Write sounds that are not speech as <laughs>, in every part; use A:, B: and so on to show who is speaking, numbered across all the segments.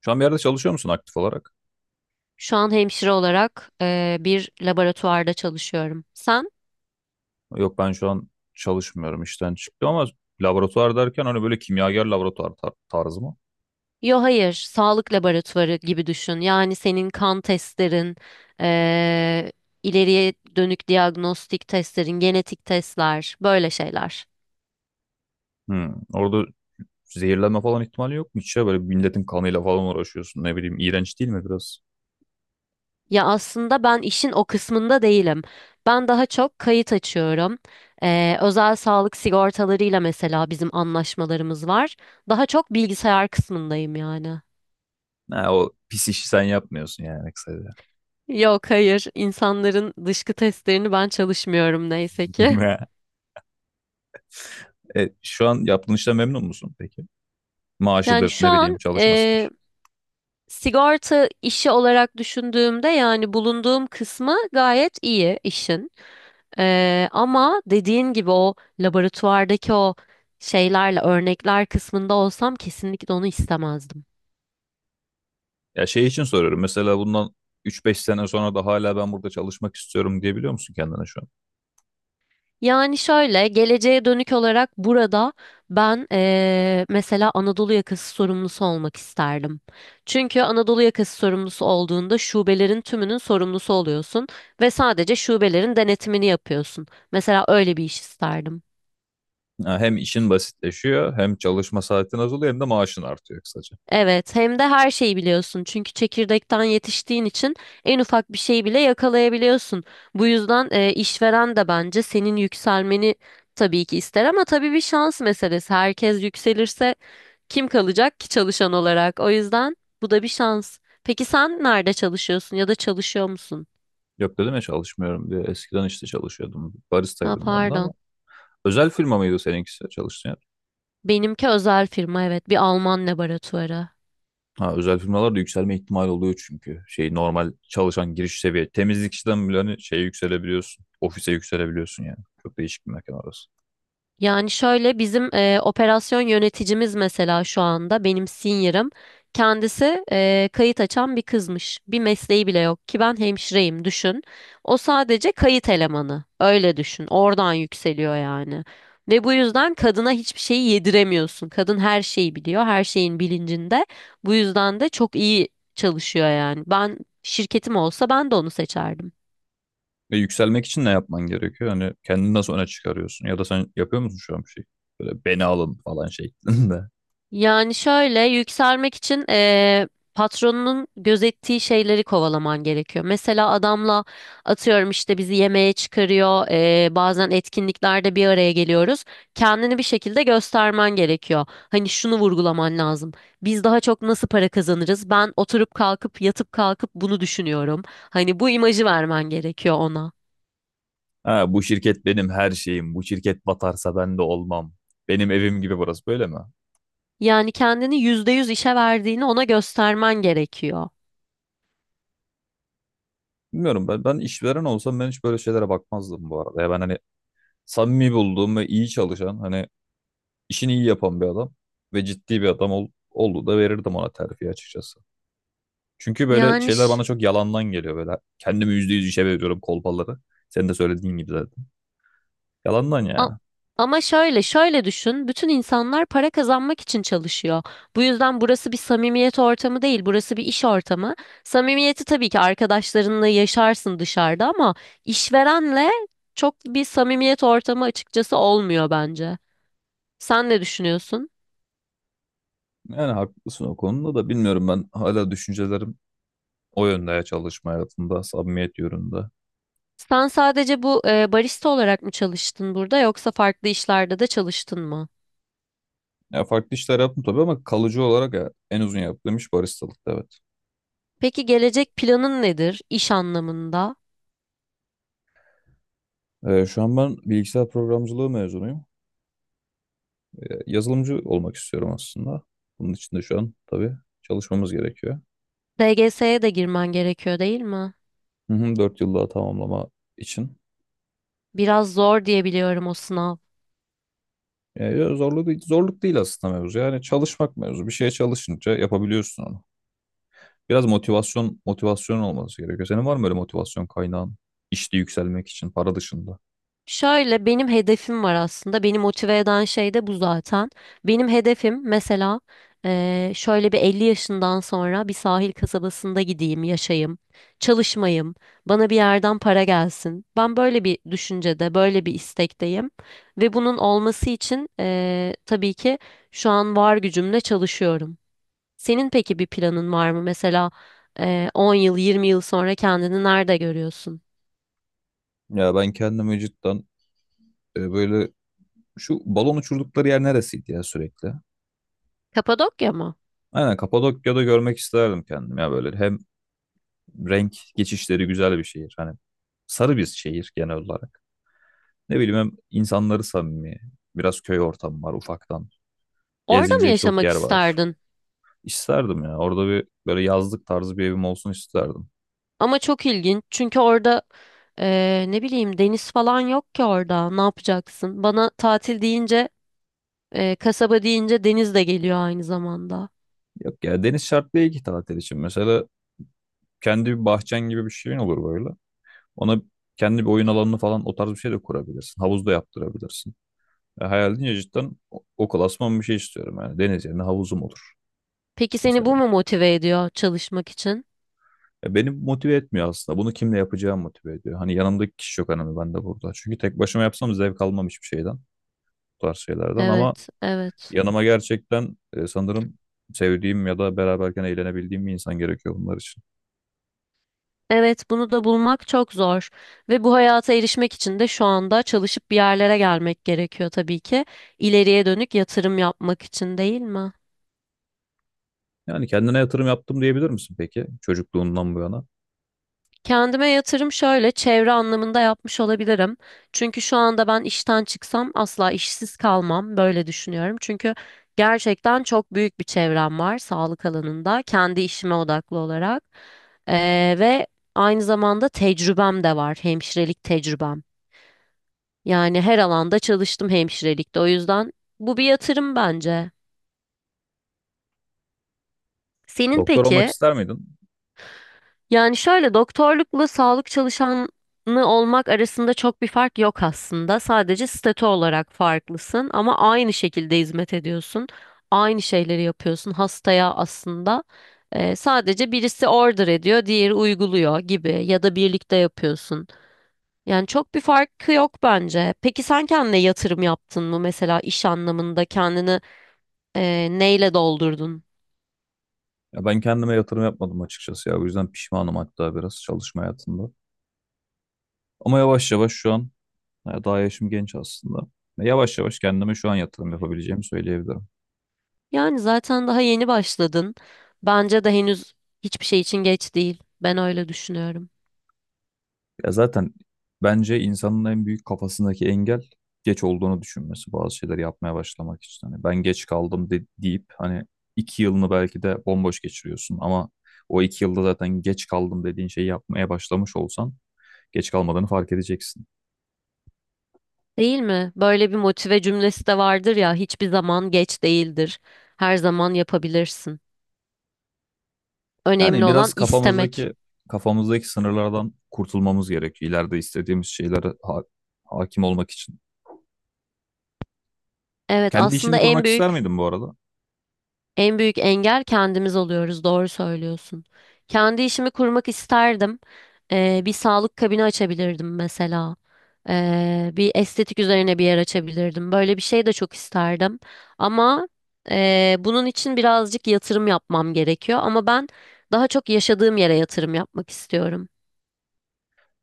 A: Şu an bir yerde çalışıyor musun aktif olarak?
B: Şu an hemşire olarak bir laboratuvarda çalışıyorum. Sen?
A: Yok ben şu an çalışmıyorum işten çıktım ama laboratuvar derken hani böyle kimyager laboratuvar tarzı mı?
B: Yo hayır, sağlık laboratuvarı gibi düşün. Yani senin kan testlerin, eee, ileriye dönük diagnostik testlerin, genetik testler, böyle şeyler.
A: Hmm. Orada zehirlenme falan ihtimali yok mu hiç ya? Böyle milletin kanıyla falan uğraşıyorsun ne bileyim iğrenç değil mi biraz?
B: Ya aslında ben işin o kısmında değilim. Ben daha çok kayıt açıyorum. Özel sağlık sigortalarıyla mesela bizim anlaşmalarımız var. Daha çok bilgisayar kısmındayım yani.
A: Ha, o pis işi sen yapmıyorsun yani kısaca.
B: Yok hayır insanların dışkı testlerini ben çalışmıyorum neyse ki. <laughs>
A: <laughs> Şu an yaptığın işten memnun musun peki?
B: Yani
A: Maaşıdır
B: şu
A: ne bileyim
B: an
A: çalışmasıdır.
B: sigorta işi olarak düşündüğümde yani bulunduğum kısmı gayet iyi işin. Ama dediğin gibi o laboratuvardaki o şeylerle örnekler kısmında olsam kesinlikle onu istemezdim.
A: Ya şey için soruyorum mesela bundan üç beş sene sonra da hala ben burada çalışmak istiyorum diyebiliyor musun kendine şu.
B: Yani şöyle geleceğe dönük olarak burada ben mesela Anadolu yakası sorumlusu olmak isterdim. Çünkü Anadolu yakası sorumlusu olduğunda şubelerin tümünün sorumlusu oluyorsun ve sadece şubelerin denetimini yapıyorsun. Mesela öyle bir iş isterdim.
A: Ha, hem işin basitleşiyor, hem çalışma saatin azalıyor, hem de maaşın artıyor kısaca.
B: Evet, hem de her şeyi biliyorsun. Çünkü çekirdekten yetiştiğin için en ufak bir şeyi bile yakalayabiliyorsun. Bu yüzden işveren de bence senin yükselmeni tabii ki ister ama tabii bir şans meselesi. Herkes yükselirse kim kalacak ki çalışan olarak? O yüzden bu da bir şans. Peki sen nerede çalışıyorsun ya da çalışıyor musun?
A: Yok dedim ya çalışmıyorum diye. Eskiden işte çalışıyordum.
B: Ha
A: Baristaydım ben de ama.
B: pardon.
A: Özel firma mıydı seninkisi çalıştığın yer?
B: Benimki özel firma evet, bir Alman laboratuvarı.
A: Ha, özel firmalarda yükselme ihtimali oluyor çünkü. Şey normal çalışan giriş seviye. Temizlik işten bile hani şeye yükselebiliyorsun. Ofise yükselebiliyorsun yani. Çok değişik bir mekan orası.
B: Yani şöyle bizim operasyon yöneticimiz mesela şu anda benim senior'ım kendisi kayıt açan bir kızmış. Bir mesleği bile yok ki ben hemşireyim düşün. O sadece kayıt elemanı öyle düşün oradan yükseliyor yani. Ve bu yüzden kadına hiçbir şeyi yediremiyorsun. Kadın her şeyi biliyor her şeyin bilincinde. Bu yüzden de çok iyi çalışıyor yani. Ben şirketim olsa ben de onu seçerdim.
A: Ve yükselmek için ne yapman gerekiyor? Hani kendini nasıl öne çıkarıyorsun? Ya da sen yapıyor musun şu an bir şey? Böyle beni alın falan şeklinde. <laughs>
B: Yani şöyle yükselmek için patronunun gözettiği şeyleri kovalaman gerekiyor. Mesela adamla atıyorum işte bizi yemeğe çıkarıyor, bazen etkinliklerde bir araya geliyoruz. Kendini bir şekilde göstermen gerekiyor. Hani şunu vurgulaman lazım. Biz daha çok nasıl para kazanırız? Ben oturup kalkıp yatıp kalkıp bunu düşünüyorum. Hani bu imajı vermen gerekiyor ona.
A: Ha, bu şirket benim her şeyim. Bu şirket batarsa ben de olmam. Benim evim gibi burası böyle mi?
B: Yani kendini %100 işe verdiğini ona göstermen gerekiyor.
A: Bilmiyorum ben, ben işveren olsam ben hiç böyle şeylere bakmazdım bu arada. Ya ben hani samimi bulduğum ve iyi çalışan hani işini iyi yapan bir adam ve ciddi bir adam olduğu da verirdim ona terfi açıkçası. Çünkü böyle
B: Yani
A: şeyler
B: ş-
A: bana çok yalandan geliyor böyle. Kendimi %100 işe veriyorum kolpaları. Senin de söylediğin gibi zaten. Yalandan
B: A-
A: yani.
B: Ama şöyle düşün. Bütün insanlar para kazanmak için çalışıyor. Bu yüzden burası bir samimiyet ortamı değil, burası bir iş ortamı. Samimiyeti tabii ki arkadaşlarınla yaşarsın dışarıda ama işverenle çok bir samimiyet ortamı açıkçası olmuyor bence. Sen ne düşünüyorsun?
A: Yani haklısın o konuda da bilmiyorum ben hala düşüncelerim o yönde ya çalışma hayatında, samimiyet yönünde.
B: Sen sadece bu barista olarak mı çalıştın burada yoksa farklı işlerde de çalıştın mı?
A: Ya farklı işler yaptım tabii ama kalıcı olarak ya en uzun yaptığım iş baristalıktı evet.
B: Peki gelecek planın nedir iş anlamında?
A: Şu an ben bilgisayar programcılığı mezunuyum. Yazılımcı olmak istiyorum aslında. Bunun için de şu an tabii çalışmamız gerekiyor.
B: DGS'ye de girmen gerekiyor değil mi?
A: Hı hı, 4 yıl daha tamamlama için.
B: Biraz zor diye biliyorum o sınav.
A: Ya zorluk değil, zorluk değil aslında mevzu. Yani çalışmak mevzu. Bir şeye çalışınca yapabiliyorsun onu. Biraz motivasyon olması gerekiyor. Senin var mı böyle motivasyon kaynağın işte yükselmek için para dışında?
B: Şöyle benim hedefim var aslında. Beni motive eden şey de bu zaten. Benim hedefim mesela şöyle bir 50 yaşından sonra bir sahil kasabasında gideyim, yaşayayım, çalışmayayım, bana bir yerden para gelsin. Ben böyle bir düşüncede, böyle bir istekteyim. Ve bunun olması için tabii ki şu an var gücümle çalışıyorum. Senin peki bir planın var mı? Mesela 10 yıl, 20 yıl sonra kendini nerede görüyorsun?
A: Ya ben kendimi cidden böyle. Şu balon uçurdukları yer neresiydi ya sürekli?
B: Kapadokya mı?
A: Aynen Kapadokya'da görmek isterdim kendim ya böyle. Hem renk geçişleri güzel bir şehir. Hani sarı bir şehir genel olarak. Ne bileyim hem insanları samimi. Biraz köy ortamı var ufaktan.
B: Orada mı
A: Gezilecek çok
B: yaşamak
A: yer var.
B: isterdin?
A: İsterdim ya. Orada bir böyle yazlık tarzı bir evim olsun isterdim.
B: Ama çok ilginç çünkü orada ne bileyim deniz falan yok ki orada. Ne yapacaksın? Bana tatil deyince, kasaba deyince deniz de geliyor aynı zamanda.
A: Yok ya deniz şart değil ki tatil için. Mesela kendi bir bahçen gibi bir şeyin olur böyle. Ona kendi bir oyun alanını falan o tarz bir şey de kurabilirsin. Havuz da yaptırabilirsin. Ya hayal edince cidden o klasman bir şey istiyorum yani. Deniz yerine havuzum olur
B: Peki seni
A: mesela.
B: bu mu motive ediyor çalışmak için?
A: Ya beni motive etmiyor aslında. Bunu kimle yapacağım motive ediyor. Hani yanımdaki kişi yok önemli ben de burada. Çünkü tek başıma yapsam zevk almam hiçbir şeyden. Bu tarz şeylerden ama
B: Evet, evet.
A: yanıma gerçekten sanırım sevdiğim ya da beraberken eğlenebildiğim bir insan gerekiyor bunlar için.
B: Evet, bunu da bulmak çok zor ve bu hayata erişmek için de şu anda çalışıp bir yerlere gelmek gerekiyor tabii ki. İleriye dönük yatırım yapmak için değil mi?
A: Yani kendine yatırım yaptım diyebilir misin peki çocukluğundan bu yana?
B: Kendime yatırım şöyle çevre anlamında yapmış olabilirim. Çünkü şu anda ben işten çıksam asla işsiz kalmam böyle düşünüyorum. Çünkü gerçekten çok büyük bir çevrem var sağlık alanında kendi işime odaklı olarak. Ve aynı zamanda tecrübem de var hemşirelik tecrübem. Yani her alanda çalıştım hemşirelikte o yüzden bu bir yatırım bence. Senin
A: Doktor olmak
B: peki?
A: ister miydin?
B: Yani şöyle doktorlukla sağlık çalışanı olmak arasında çok bir fark yok aslında. Sadece statü olarak farklısın ama aynı şekilde hizmet ediyorsun. Aynı şeyleri yapıyorsun hastaya aslında. Sadece birisi order ediyor, diğeri uyguluyor gibi ya da birlikte yapıyorsun. Yani çok bir farkı yok bence. Peki sen kendine yatırım yaptın mı mesela iş anlamında kendini neyle doldurdun?
A: Ya ben kendime yatırım yapmadım açıkçası ya. O yüzden pişmanım hatta biraz çalışma hayatında. Ama yavaş yavaş şu an. Ya, daha yaşım genç aslında. Ya, yavaş yavaş kendime şu an yatırım yapabileceğimi söyleyebilirim.
B: Yani zaten daha yeni başladın. Bence de henüz hiçbir şey için geç değil. Ben öyle düşünüyorum.
A: Ya zaten bence insanın en büyük kafasındaki engel geç olduğunu düşünmesi bazı şeyler yapmaya başlamak için. Hani ben geç kaldım deyip hani 2 yılını belki de bomboş geçiriyorsun ama o 2 yılda zaten geç kaldım dediğin şeyi yapmaya başlamış olsan geç kalmadığını fark edeceksin.
B: Değil mi? Böyle bir motive cümlesi de vardır ya, hiçbir zaman geç değildir. Her zaman yapabilirsin. Önemli
A: Yani
B: olan
A: biraz
B: istemek.
A: kafamızdaki sınırlardan kurtulmamız gerekiyor. İleride istediğimiz şeylere hakim olmak için.
B: Evet,
A: Kendi işini
B: aslında en
A: kurmak ister
B: büyük
A: miydin bu arada?
B: En büyük engel kendimiz oluyoruz. Doğru söylüyorsun. Kendi işimi kurmak isterdim. Bir sağlık kabini açabilirdim mesela. Bir estetik üzerine bir yer açabilirdim. Böyle bir şey de çok isterdim. Ama bunun için birazcık yatırım yapmam gerekiyor. Ama ben daha çok yaşadığım yere yatırım yapmak istiyorum.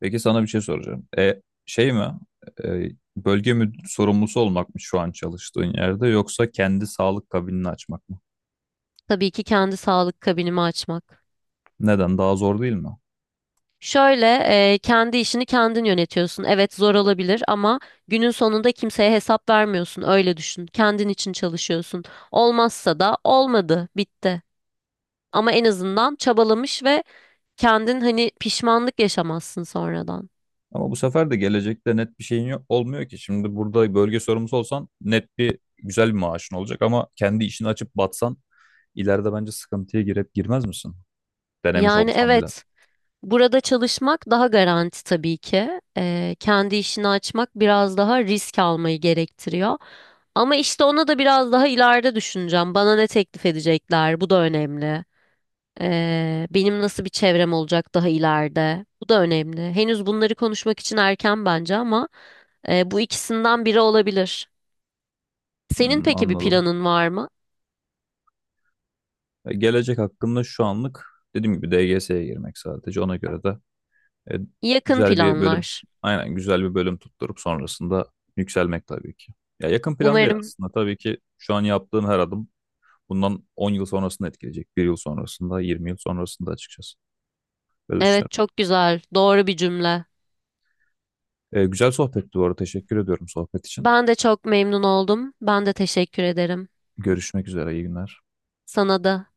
A: Peki sana bir şey soracağım. Şey mi? E, Bölge müdür sorumlusu olmak mı şu an çalıştığın yerde yoksa kendi sağlık kabinini açmak mı?
B: Tabii ki kendi sağlık kabinimi açmak.
A: Neden? Daha zor değil mi?
B: Şöyle kendi işini kendin yönetiyorsun. Evet zor olabilir ama günün sonunda kimseye hesap vermiyorsun. Öyle düşün. Kendin için çalışıyorsun. Olmazsa da olmadı, bitti. Ama en azından çabalamış ve kendin hani pişmanlık yaşamazsın sonradan.
A: Ama bu sefer de gelecekte net bir şeyin yok, olmuyor ki. Şimdi burada bölge sorumlusu olsan net bir güzel bir maaşın olacak ama kendi işini açıp batsan ileride bence sıkıntıya girip girmez misin? Denemiş
B: Yani
A: olsan bile.
B: evet burada çalışmak daha garanti tabii ki. E, kendi işini açmak biraz daha risk almayı gerektiriyor. Ama işte onu da biraz daha ileride düşüneceğim. Bana ne teklif edecekler? Bu da önemli. Benim nasıl bir çevrem olacak daha ileride? Bu da önemli. Henüz bunları konuşmak için erken bence ama bu ikisinden biri olabilir. Senin
A: Hmm,
B: peki bir
A: anladım.
B: planın var mı?
A: Gelecek hakkında şu anlık dediğim gibi DGS'ye girmek sadece ona göre de E,
B: Yakın
A: güzel bir bölüm.
B: planlar.
A: Aynen güzel bir bölüm tutturup sonrasında yükselmek tabii ki. Ya yakın plan değil
B: Umarım.
A: aslında. Tabii ki şu an yaptığın her adım bundan 10 yıl sonrasını etkileyecek. Bir yıl sonrasında, 20 yıl sonrasında açıkçası. Böyle
B: Evet,
A: düşünüyorum.
B: çok güzel. Doğru bir cümle.
A: Güzel sohbetti bu arada. Teşekkür ediyorum sohbet için.
B: Ben de çok memnun oldum. Ben de teşekkür ederim.
A: Görüşmek üzere. İyi günler.
B: Sana da.